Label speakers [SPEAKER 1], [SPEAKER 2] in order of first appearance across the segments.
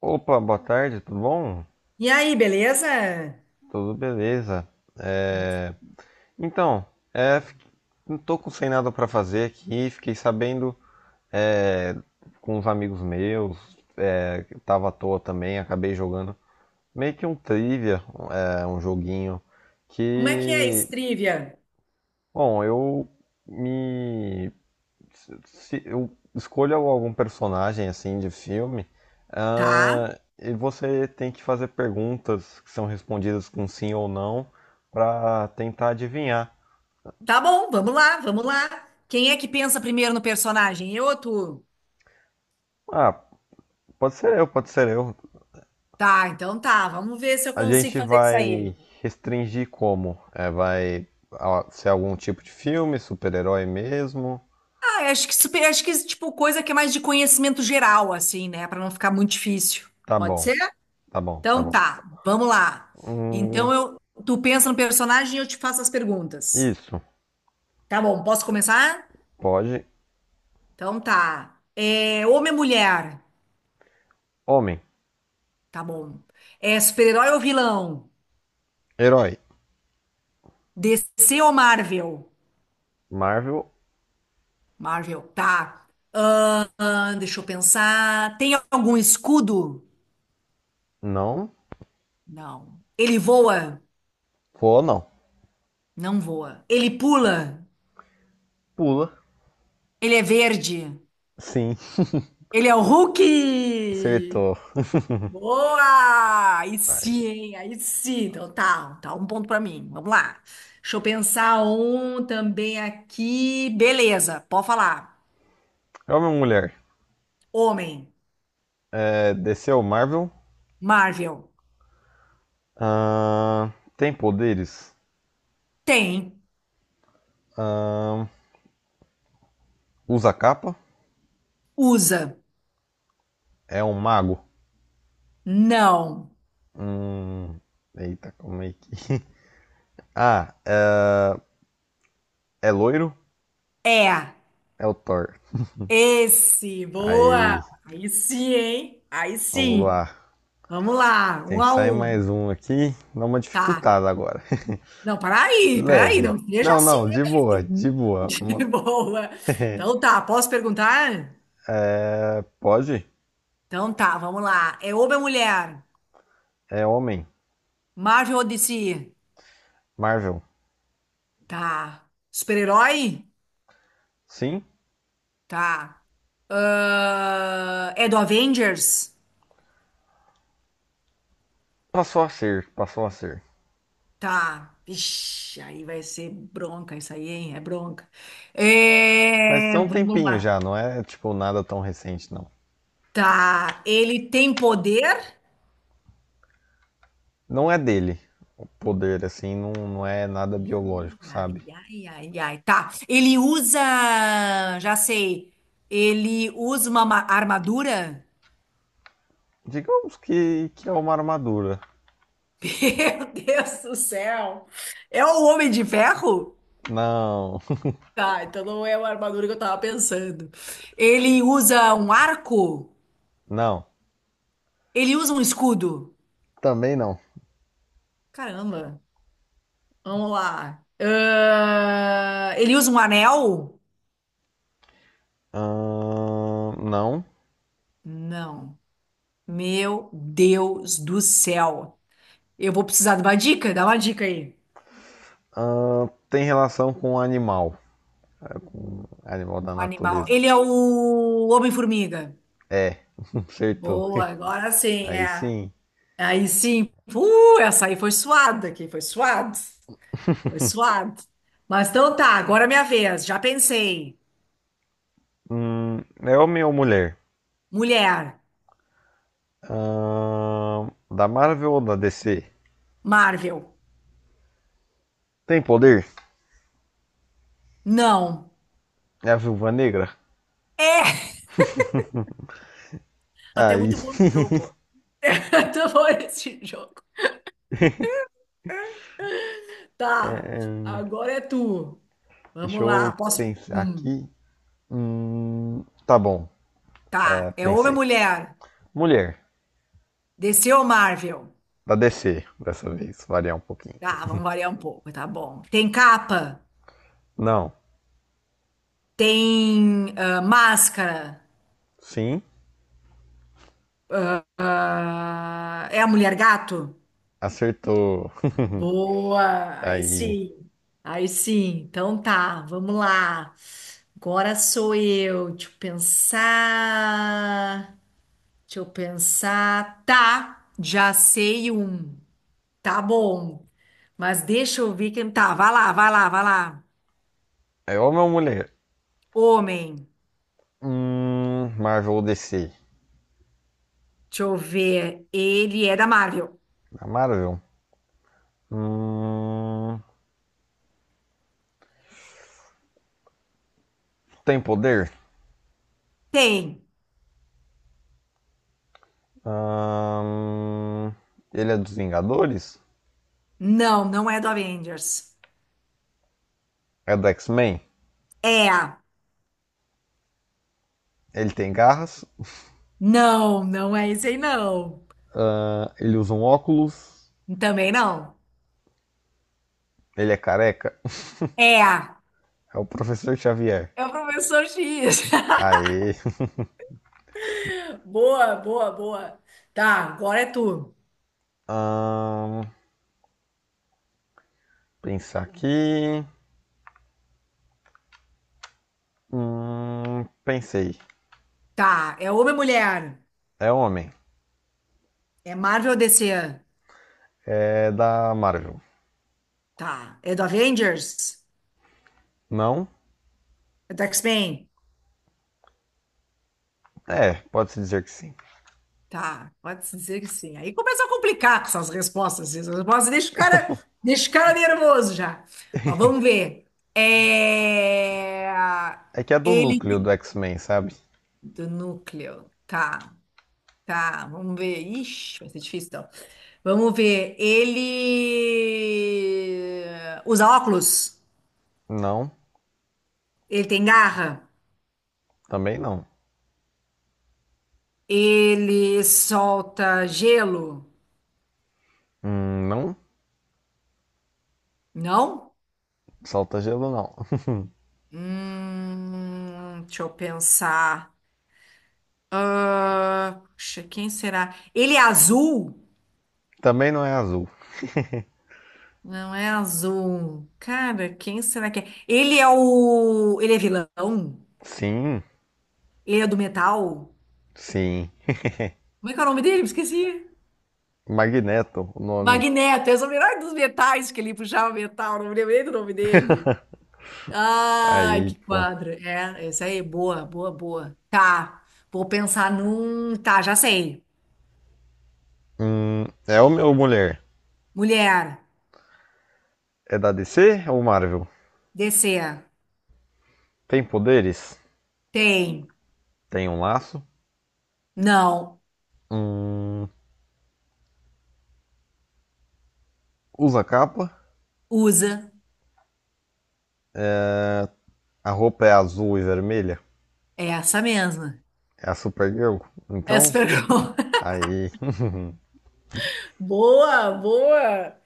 [SPEAKER 1] Opa, boa tarde, tudo bom?
[SPEAKER 2] E aí, beleza?
[SPEAKER 1] Tudo beleza. É, Então, é, fi- não tô com sem nada pra fazer aqui, fiquei sabendo, é, com uns amigos meus, que tava à toa também, acabei jogando meio que um trivia, um joguinho
[SPEAKER 2] Como é que é
[SPEAKER 1] que,
[SPEAKER 2] esse trivia?
[SPEAKER 1] bom, eu me se eu escolho algum personagem assim de filme,
[SPEAKER 2] Tá,
[SPEAKER 1] e você tem que fazer perguntas que são respondidas com sim ou não para tentar adivinhar.
[SPEAKER 2] tá bom, vamos lá, vamos lá. Quem é que pensa primeiro no personagem? Eu ou tu?
[SPEAKER 1] Ah, pode ser eu, pode ser eu.
[SPEAKER 2] Tá, então tá, vamos ver se eu
[SPEAKER 1] A
[SPEAKER 2] consigo
[SPEAKER 1] gente
[SPEAKER 2] fazer isso
[SPEAKER 1] vai
[SPEAKER 2] aí.
[SPEAKER 1] restringir como? É, vai, ser algum tipo de filme, super-herói mesmo?
[SPEAKER 2] Ah, eu acho que, acho que, tipo, coisa que é mais de conhecimento geral, assim, né? Pra não ficar muito difícil.
[SPEAKER 1] Tá
[SPEAKER 2] Pode
[SPEAKER 1] bom,
[SPEAKER 2] ser?
[SPEAKER 1] tá bom, tá
[SPEAKER 2] Então
[SPEAKER 1] bom.
[SPEAKER 2] tá, vamos lá. Então
[SPEAKER 1] Hum,
[SPEAKER 2] eu, tu pensa no personagem e eu te faço as perguntas.
[SPEAKER 1] isso,
[SPEAKER 2] Tá bom, posso começar?
[SPEAKER 1] pode.
[SPEAKER 2] Então tá. É, homem ou mulher?
[SPEAKER 1] Homem,
[SPEAKER 2] Tá bom. É super-herói ou vilão?
[SPEAKER 1] herói,
[SPEAKER 2] DC ou Marvel?
[SPEAKER 1] Marvel,
[SPEAKER 2] Marvel, tá. Deixa eu pensar. Tem algum escudo?
[SPEAKER 1] não.
[SPEAKER 2] Não. Ele voa?
[SPEAKER 1] Vou não.
[SPEAKER 2] Não voa. Ele pula?
[SPEAKER 1] Pula,
[SPEAKER 2] Ele é verde?
[SPEAKER 1] sim.
[SPEAKER 2] Ele é o Hulk?
[SPEAKER 1] Acertou.
[SPEAKER 2] Boa! Aí sim,
[SPEAKER 1] Ai.
[SPEAKER 2] hein? Aí sim. Então tá, tá um ponto pra mim. Vamos lá. Deixa eu pensar um também aqui. Beleza, pode falar.
[SPEAKER 1] Homem ou mulher?
[SPEAKER 2] Homem,
[SPEAKER 1] É, desceu Marvel.
[SPEAKER 2] Marvel.
[SPEAKER 1] Ahn, tem poderes?
[SPEAKER 2] Tem.
[SPEAKER 1] Ahn, usa capa?
[SPEAKER 2] Usa.
[SPEAKER 1] É um mago?
[SPEAKER 2] Não.
[SPEAKER 1] Hum, eita, como é que. Ah, é loiro?
[SPEAKER 2] É.
[SPEAKER 1] É o Thor.
[SPEAKER 2] Esse. Boa.
[SPEAKER 1] Aí,
[SPEAKER 2] Aí sim, hein? Aí
[SPEAKER 1] vamos
[SPEAKER 2] sim.
[SPEAKER 1] lá.
[SPEAKER 2] Vamos lá. Um
[SPEAKER 1] Tem que
[SPEAKER 2] a
[SPEAKER 1] sair
[SPEAKER 2] um.
[SPEAKER 1] mais um aqui. Dá uma
[SPEAKER 2] Tá.
[SPEAKER 1] dificultada agora.
[SPEAKER 2] Não, peraí, peraí.
[SPEAKER 1] Leve.
[SPEAKER 2] Não seja
[SPEAKER 1] Não,
[SPEAKER 2] assim.
[SPEAKER 1] não, de boa, de boa.
[SPEAKER 2] Bebê.
[SPEAKER 1] Uma-
[SPEAKER 2] Boa. Então tá. Posso perguntar?
[SPEAKER 1] Pode?
[SPEAKER 2] Então tá. Vamos lá. É homem ou mulher?
[SPEAKER 1] É homem.
[SPEAKER 2] Marvel ou DC?
[SPEAKER 1] Marvel.
[SPEAKER 2] Tá. Super-herói?
[SPEAKER 1] Sim?
[SPEAKER 2] Tá. Ah, é do Avengers?
[SPEAKER 1] Passou a ser, passou a ser.
[SPEAKER 2] Tá. Ixi, aí vai ser bronca isso aí, hein? É bronca.
[SPEAKER 1] Mas
[SPEAKER 2] É,
[SPEAKER 1] tem um
[SPEAKER 2] vamos
[SPEAKER 1] tempinho
[SPEAKER 2] lá.
[SPEAKER 1] já, não é tipo nada tão recente, não.
[SPEAKER 2] Tá. Ele tem poder?
[SPEAKER 1] Não é dele poder, assim, não, não é nada biológico,
[SPEAKER 2] Ai,
[SPEAKER 1] sabe?
[SPEAKER 2] ai, ai, ai. Tá. Ele usa. Já sei. Ele usa uma armadura?
[SPEAKER 1] Digamos que é uma armadura.
[SPEAKER 2] Meu Deus do céu! É o Homem de Ferro?
[SPEAKER 1] Não,
[SPEAKER 2] Tá, então não é uma armadura que eu tava pensando. Ele usa um arco?
[SPEAKER 1] não,
[SPEAKER 2] Ele usa um escudo?
[SPEAKER 1] também não.
[SPEAKER 2] Caramba! Vamos lá. Ah, ele usa um anel?
[SPEAKER 1] Não.
[SPEAKER 2] Não. Meu Deus do céu. Eu vou precisar de uma dica? Dá uma dica aí.
[SPEAKER 1] Tem relação com o animal, animal da
[SPEAKER 2] Um animal.
[SPEAKER 1] natureza.
[SPEAKER 2] Ele é o Homem-Formiga.
[SPEAKER 1] É, acertou.
[SPEAKER 2] Boa, agora sim,
[SPEAKER 1] Aí
[SPEAKER 2] é.
[SPEAKER 1] sim.
[SPEAKER 2] Aí sim. Essa aí foi suada aqui, foi suado. Foi suado. Mas então tá, agora é minha vez. Já pensei.
[SPEAKER 1] Hum, é homem ou mulher?
[SPEAKER 2] Mulher,
[SPEAKER 1] Ahn, da Marvel ou da DC?
[SPEAKER 2] Marvel.
[SPEAKER 1] Tem poder?
[SPEAKER 2] Não.
[SPEAKER 1] É a Viúva Negra?
[SPEAKER 2] É! Até
[SPEAKER 1] Aí,
[SPEAKER 2] muito bom jogo, pô. Muito bom esse jogo. Tá,
[SPEAKER 1] é,
[SPEAKER 2] agora é tu.
[SPEAKER 1] deixa
[SPEAKER 2] Vamos lá,
[SPEAKER 1] eu
[SPEAKER 2] posso.
[SPEAKER 1] pensar aqui. Tá bom. É,
[SPEAKER 2] Tá, é homem ou
[SPEAKER 1] pensei.
[SPEAKER 2] mulher?
[SPEAKER 1] Mulher,
[SPEAKER 2] DC ou Marvel?
[SPEAKER 1] da DC, dessa vez, variar um pouquinho.
[SPEAKER 2] Tá, vamos variar um pouco, tá bom. Tem capa?
[SPEAKER 1] Não,
[SPEAKER 2] Tem máscara?
[SPEAKER 1] sim,
[SPEAKER 2] Ah, é a mulher gato?
[SPEAKER 1] acertou.
[SPEAKER 2] Boa, aí
[SPEAKER 1] Aí,
[SPEAKER 2] sim, aí sim. Então tá, vamos lá. Agora sou eu. Deixa eu pensar. Deixa eu pensar. Tá, já sei um. Tá bom. Mas deixa eu ver quem tá. Vai lá, vai lá, vai lá.
[SPEAKER 1] é homem ou mulher?
[SPEAKER 2] Homem.
[SPEAKER 1] Marvel ou DC?
[SPEAKER 2] Deixa eu ver. Ele é da Marvel.
[SPEAKER 1] Na Marvel? Hum, tem poder?
[SPEAKER 2] Tem.
[SPEAKER 1] Hum, ele é dos Vingadores?
[SPEAKER 2] Não, não é do Avengers.
[SPEAKER 1] É do X-Men?
[SPEAKER 2] É.
[SPEAKER 1] Ele tem garras?
[SPEAKER 2] Não, não é esse aí, não.
[SPEAKER 1] Ele usa um óculos?
[SPEAKER 2] Também não.
[SPEAKER 1] Ele é careca?
[SPEAKER 2] É.
[SPEAKER 1] É o Professor Xavier.
[SPEAKER 2] É o Professor X.
[SPEAKER 1] Aê.
[SPEAKER 2] Boa, boa, boa. Tá, agora é tu.
[SPEAKER 1] Hum, pensar aqui. Pensei.
[SPEAKER 2] Tá, é homem ou mulher?
[SPEAKER 1] É homem.
[SPEAKER 2] É Marvel ou DC?
[SPEAKER 1] É da Marvel.
[SPEAKER 2] Tá. É do Avengers?
[SPEAKER 1] Não?
[SPEAKER 2] É do X-Men?
[SPEAKER 1] É, pode-se dizer que sim.
[SPEAKER 2] Tá, pode-se dizer que sim. Aí começa a complicar com essas respostas. Essas respostas deixa o cara nervoso já. Ó, vamos ver. É...
[SPEAKER 1] É que é do
[SPEAKER 2] Ele
[SPEAKER 1] núcleo do
[SPEAKER 2] tem-
[SPEAKER 1] X-Men, sabe?
[SPEAKER 2] do núcleo. Tá, tá. Vamos ver. Ixi, vai ser difícil então. Vamos ver. Ele usa óculos?
[SPEAKER 1] Não,
[SPEAKER 2] Ele tem garra?
[SPEAKER 1] também não.
[SPEAKER 2] Ele solta gelo?
[SPEAKER 1] Não?
[SPEAKER 2] Não?
[SPEAKER 1] Solta gelo não.
[SPEAKER 2] Deixa eu pensar. Ah, puxa, quem será? Ele é azul?
[SPEAKER 1] também não é azul.
[SPEAKER 2] Não é azul. Cara, quem será que é? Ele é o. Ele é vilão?
[SPEAKER 1] Sim,
[SPEAKER 2] Ele é do metal?
[SPEAKER 1] sim.
[SPEAKER 2] Como é que é o nome dele? Me esqueci.
[SPEAKER 1] Magneto, o nome.
[SPEAKER 2] Magneto, essa é o melhor dos metais que ele puxava metal, não me lembrei do nome dele. Ai,
[SPEAKER 1] Aí,
[SPEAKER 2] que
[SPEAKER 1] pô.
[SPEAKER 2] quadro. É, essa aí, boa, boa, boa. Tá, vou pensar num. Tá, já sei.
[SPEAKER 1] É homem ou mulher?
[SPEAKER 2] Mulher,
[SPEAKER 1] É da DC ou Marvel?
[SPEAKER 2] descer.
[SPEAKER 1] Tem poderes?
[SPEAKER 2] Tem.
[SPEAKER 1] Tem um laço?
[SPEAKER 2] Não.
[SPEAKER 1] Hum, usa capa?
[SPEAKER 2] Usa.
[SPEAKER 1] A roupa é azul e vermelha?
[SPEAKER 2] Essa mesma.
[SPEAKER 1] É a Supergirl?
[SPEAKER 2] Essa
[SPEAKER 1] Então,
[SPEAKER 2] pegou.
[SPEAKER 1] aí.
[SPEAKER 2] Boa, boa.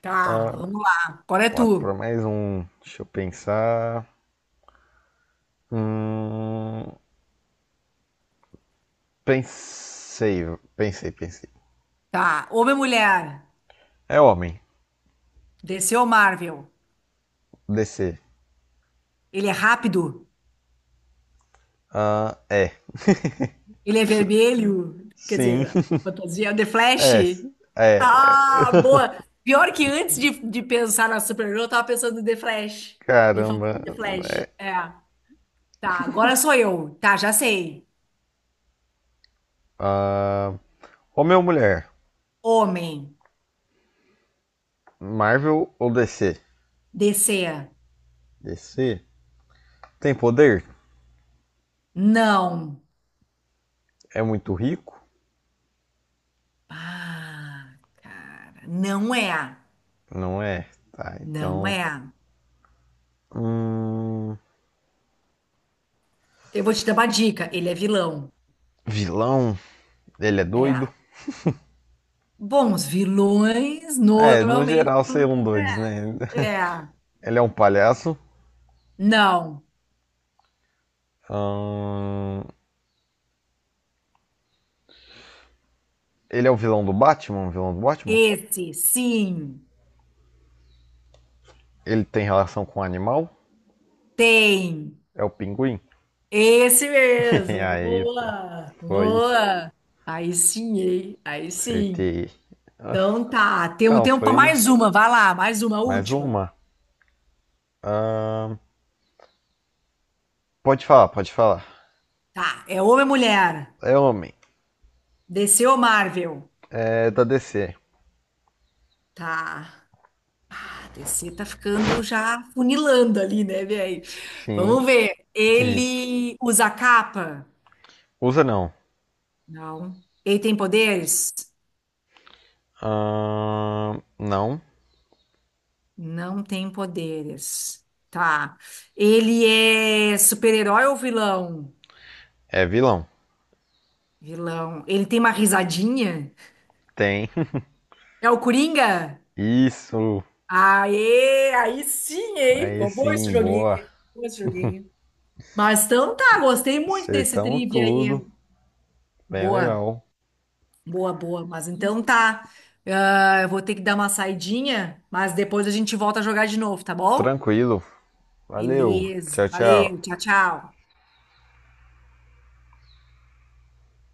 [SPEAKER 2] Tá, vamos lá. Agora é
[SPEAKER 1] Lá para
[SPEAKER 2] tu.
[SPEAKER 1] mais um. Deixa eu pensar. Hum, pensei, pensei, pensei.
[SPEAKER 2] Tá. Homem-Mulher.
[SPEAKER 1] É homem.
[SPEAKER 2] DC ou Marvel?
[SPEAKER 1] DC.
[SPEAKER 2] Ele é rápido?
[SPEAKER 1] Ah, é.
[SPEAKER 2] Ele é vermelho? Quer
[SPEAKER 1] Sim.
[SPEAKER 2] dizer, fantasia. The Flash?
[SPEAKER 1] É. É.
[SPEAKER 2] Ah, boa. Pior que antes de pensar na Supergirl, eu tava pensando no The Flash. De fazer
[SPEAKER 1] Caramba.
[SPEAKER 2] The Flash. É. Tá, agora sou eu. Tá, já sei.
[SPEAKER 1] Ah, homem ou mulher?
[SPEAKER 2] Homem.
[SPEAKER 1] Marvel ou DC?
[SPEAKER 2] DC.
[SPEAKER 1] DC. Tem poder?
[SPEAKER 2] Não.
[SPEAKER 1] É muito rico?
[SPEAKER 2] Ah, cara. Não é.
[SPEAKER 1] Não é. Tá,
[SPEAKER 2] Não
[SPEAKER 1] então.
[SPEAKER 2] é.
[SPEAKER 1] Hum,
[SPEAKER 2] Eu vou te dar uma dica. Ele é vilão.
[SPEAKER 1] vilão? Ele é
[SPEAKER 2] É.
[SPEAKER 1] doido?
[SPEAKER 2] Bom, os vilões
[SPEAKER 1] É, no
[SPEAKER 2] normalmente.
[SPEAKER 1] geral, seriam doidos, né?
[SPEAKER 2] É. É.
[SPEAKER 1] Ele é um palhaço.
[SPEAKER 2] Não.
[SPEAKER 1] Ahn, Ele é o vilão do Batman? O vilão do Batman?
[SPEAKER 2] Esse, sim.
[SPEAKER 1] Ele tem relação com o animal?
[SPEAKER 2] Tem.
[SPEAKER 1] É o pinguim?
[SPEAKER 2] Esse mesmo.
[SPEAKER 1] Aí, pô.
[SPEAKER 2] Boa.
[SPEAKER 1] Foi.
[SPEAKER 2] Boa. Aí sim, hein? Aí sim.
[SPEAKER 1] Acertei.
[SPEAKER 2] Então tá. Tem um
[SPEAKER 1] Então,
[SPEAKER 2] tempo para
[SPEAKER 1] foi
[SPEAKER 2] mais uma. Vai lá, mais uma,
[SPEAKER 1] mais
[SPEAKER 2] última.
[SPEAKER 1] uma. Ahn, pode falar, pode falar.
[SPEAKER 2] Tá. É homem ou mulher?
[SPEAKER 1] É homem.
[SPEAKER 2] Desceu Marvel?
[SPEAKER 1] É da DC.
[SPEAKER 2] Tá. A DC tá ficando já funilando ali, né, velho?
[SPEAKER 1] Sim.
[SPEAKER 2] Vamos ver. Ele usa capa?
[SPEAKER 1] Usa não.
[SPEAKER 2] Não. Ele tem poderes?
[SPEAKER 1] Não.
[SPEAKER 2] Não tem poderes. Tá. Ele é super-herói ou vilão?
[SPEAKER 1] É vilão.
[SPEAKER 2] Vilão. Ele tem uma risadinha?
[SPEAKER 1] Tem.
[SPEAKER 2] É o Coringa?
[SPEAKER 1] Isso.
[SPEAKER 2] Aê, aí sim, hein?
[SPEAKER 1] Aí
[SPEAKER 2] Ficou bom esse
[SPEAKER 1] sim,
[SPEAKER 2] joguinho.
[SPEAKER 1] boa.
[SPEAKER 2] Ficou bom esse joguinho. Mas então tá, gostei muito desse
[SPEAKER 1] Acertamos
[SPEAKER 2] trivia
[SPEAKER 1] tudo.
[SPEAKER 2] aí.
[SPEAKER 1] Bem
[SPEAKER 2] Boa.
[SPEAKER 1] legal.
[SPEAKER 2] Boa, boa. Mas então tá. Ah, eu vou ter que dar uma saidinha, mas depois a gente volta a jogar de novo, tá bom?
[SPEAKER 1] Tranquilo. Valeu. Tchau,
[SPEAKER 2] Beleza.
[SPEAKER 1] tchau.
[SPEAKER 2] Valeu. Tchau, tchau.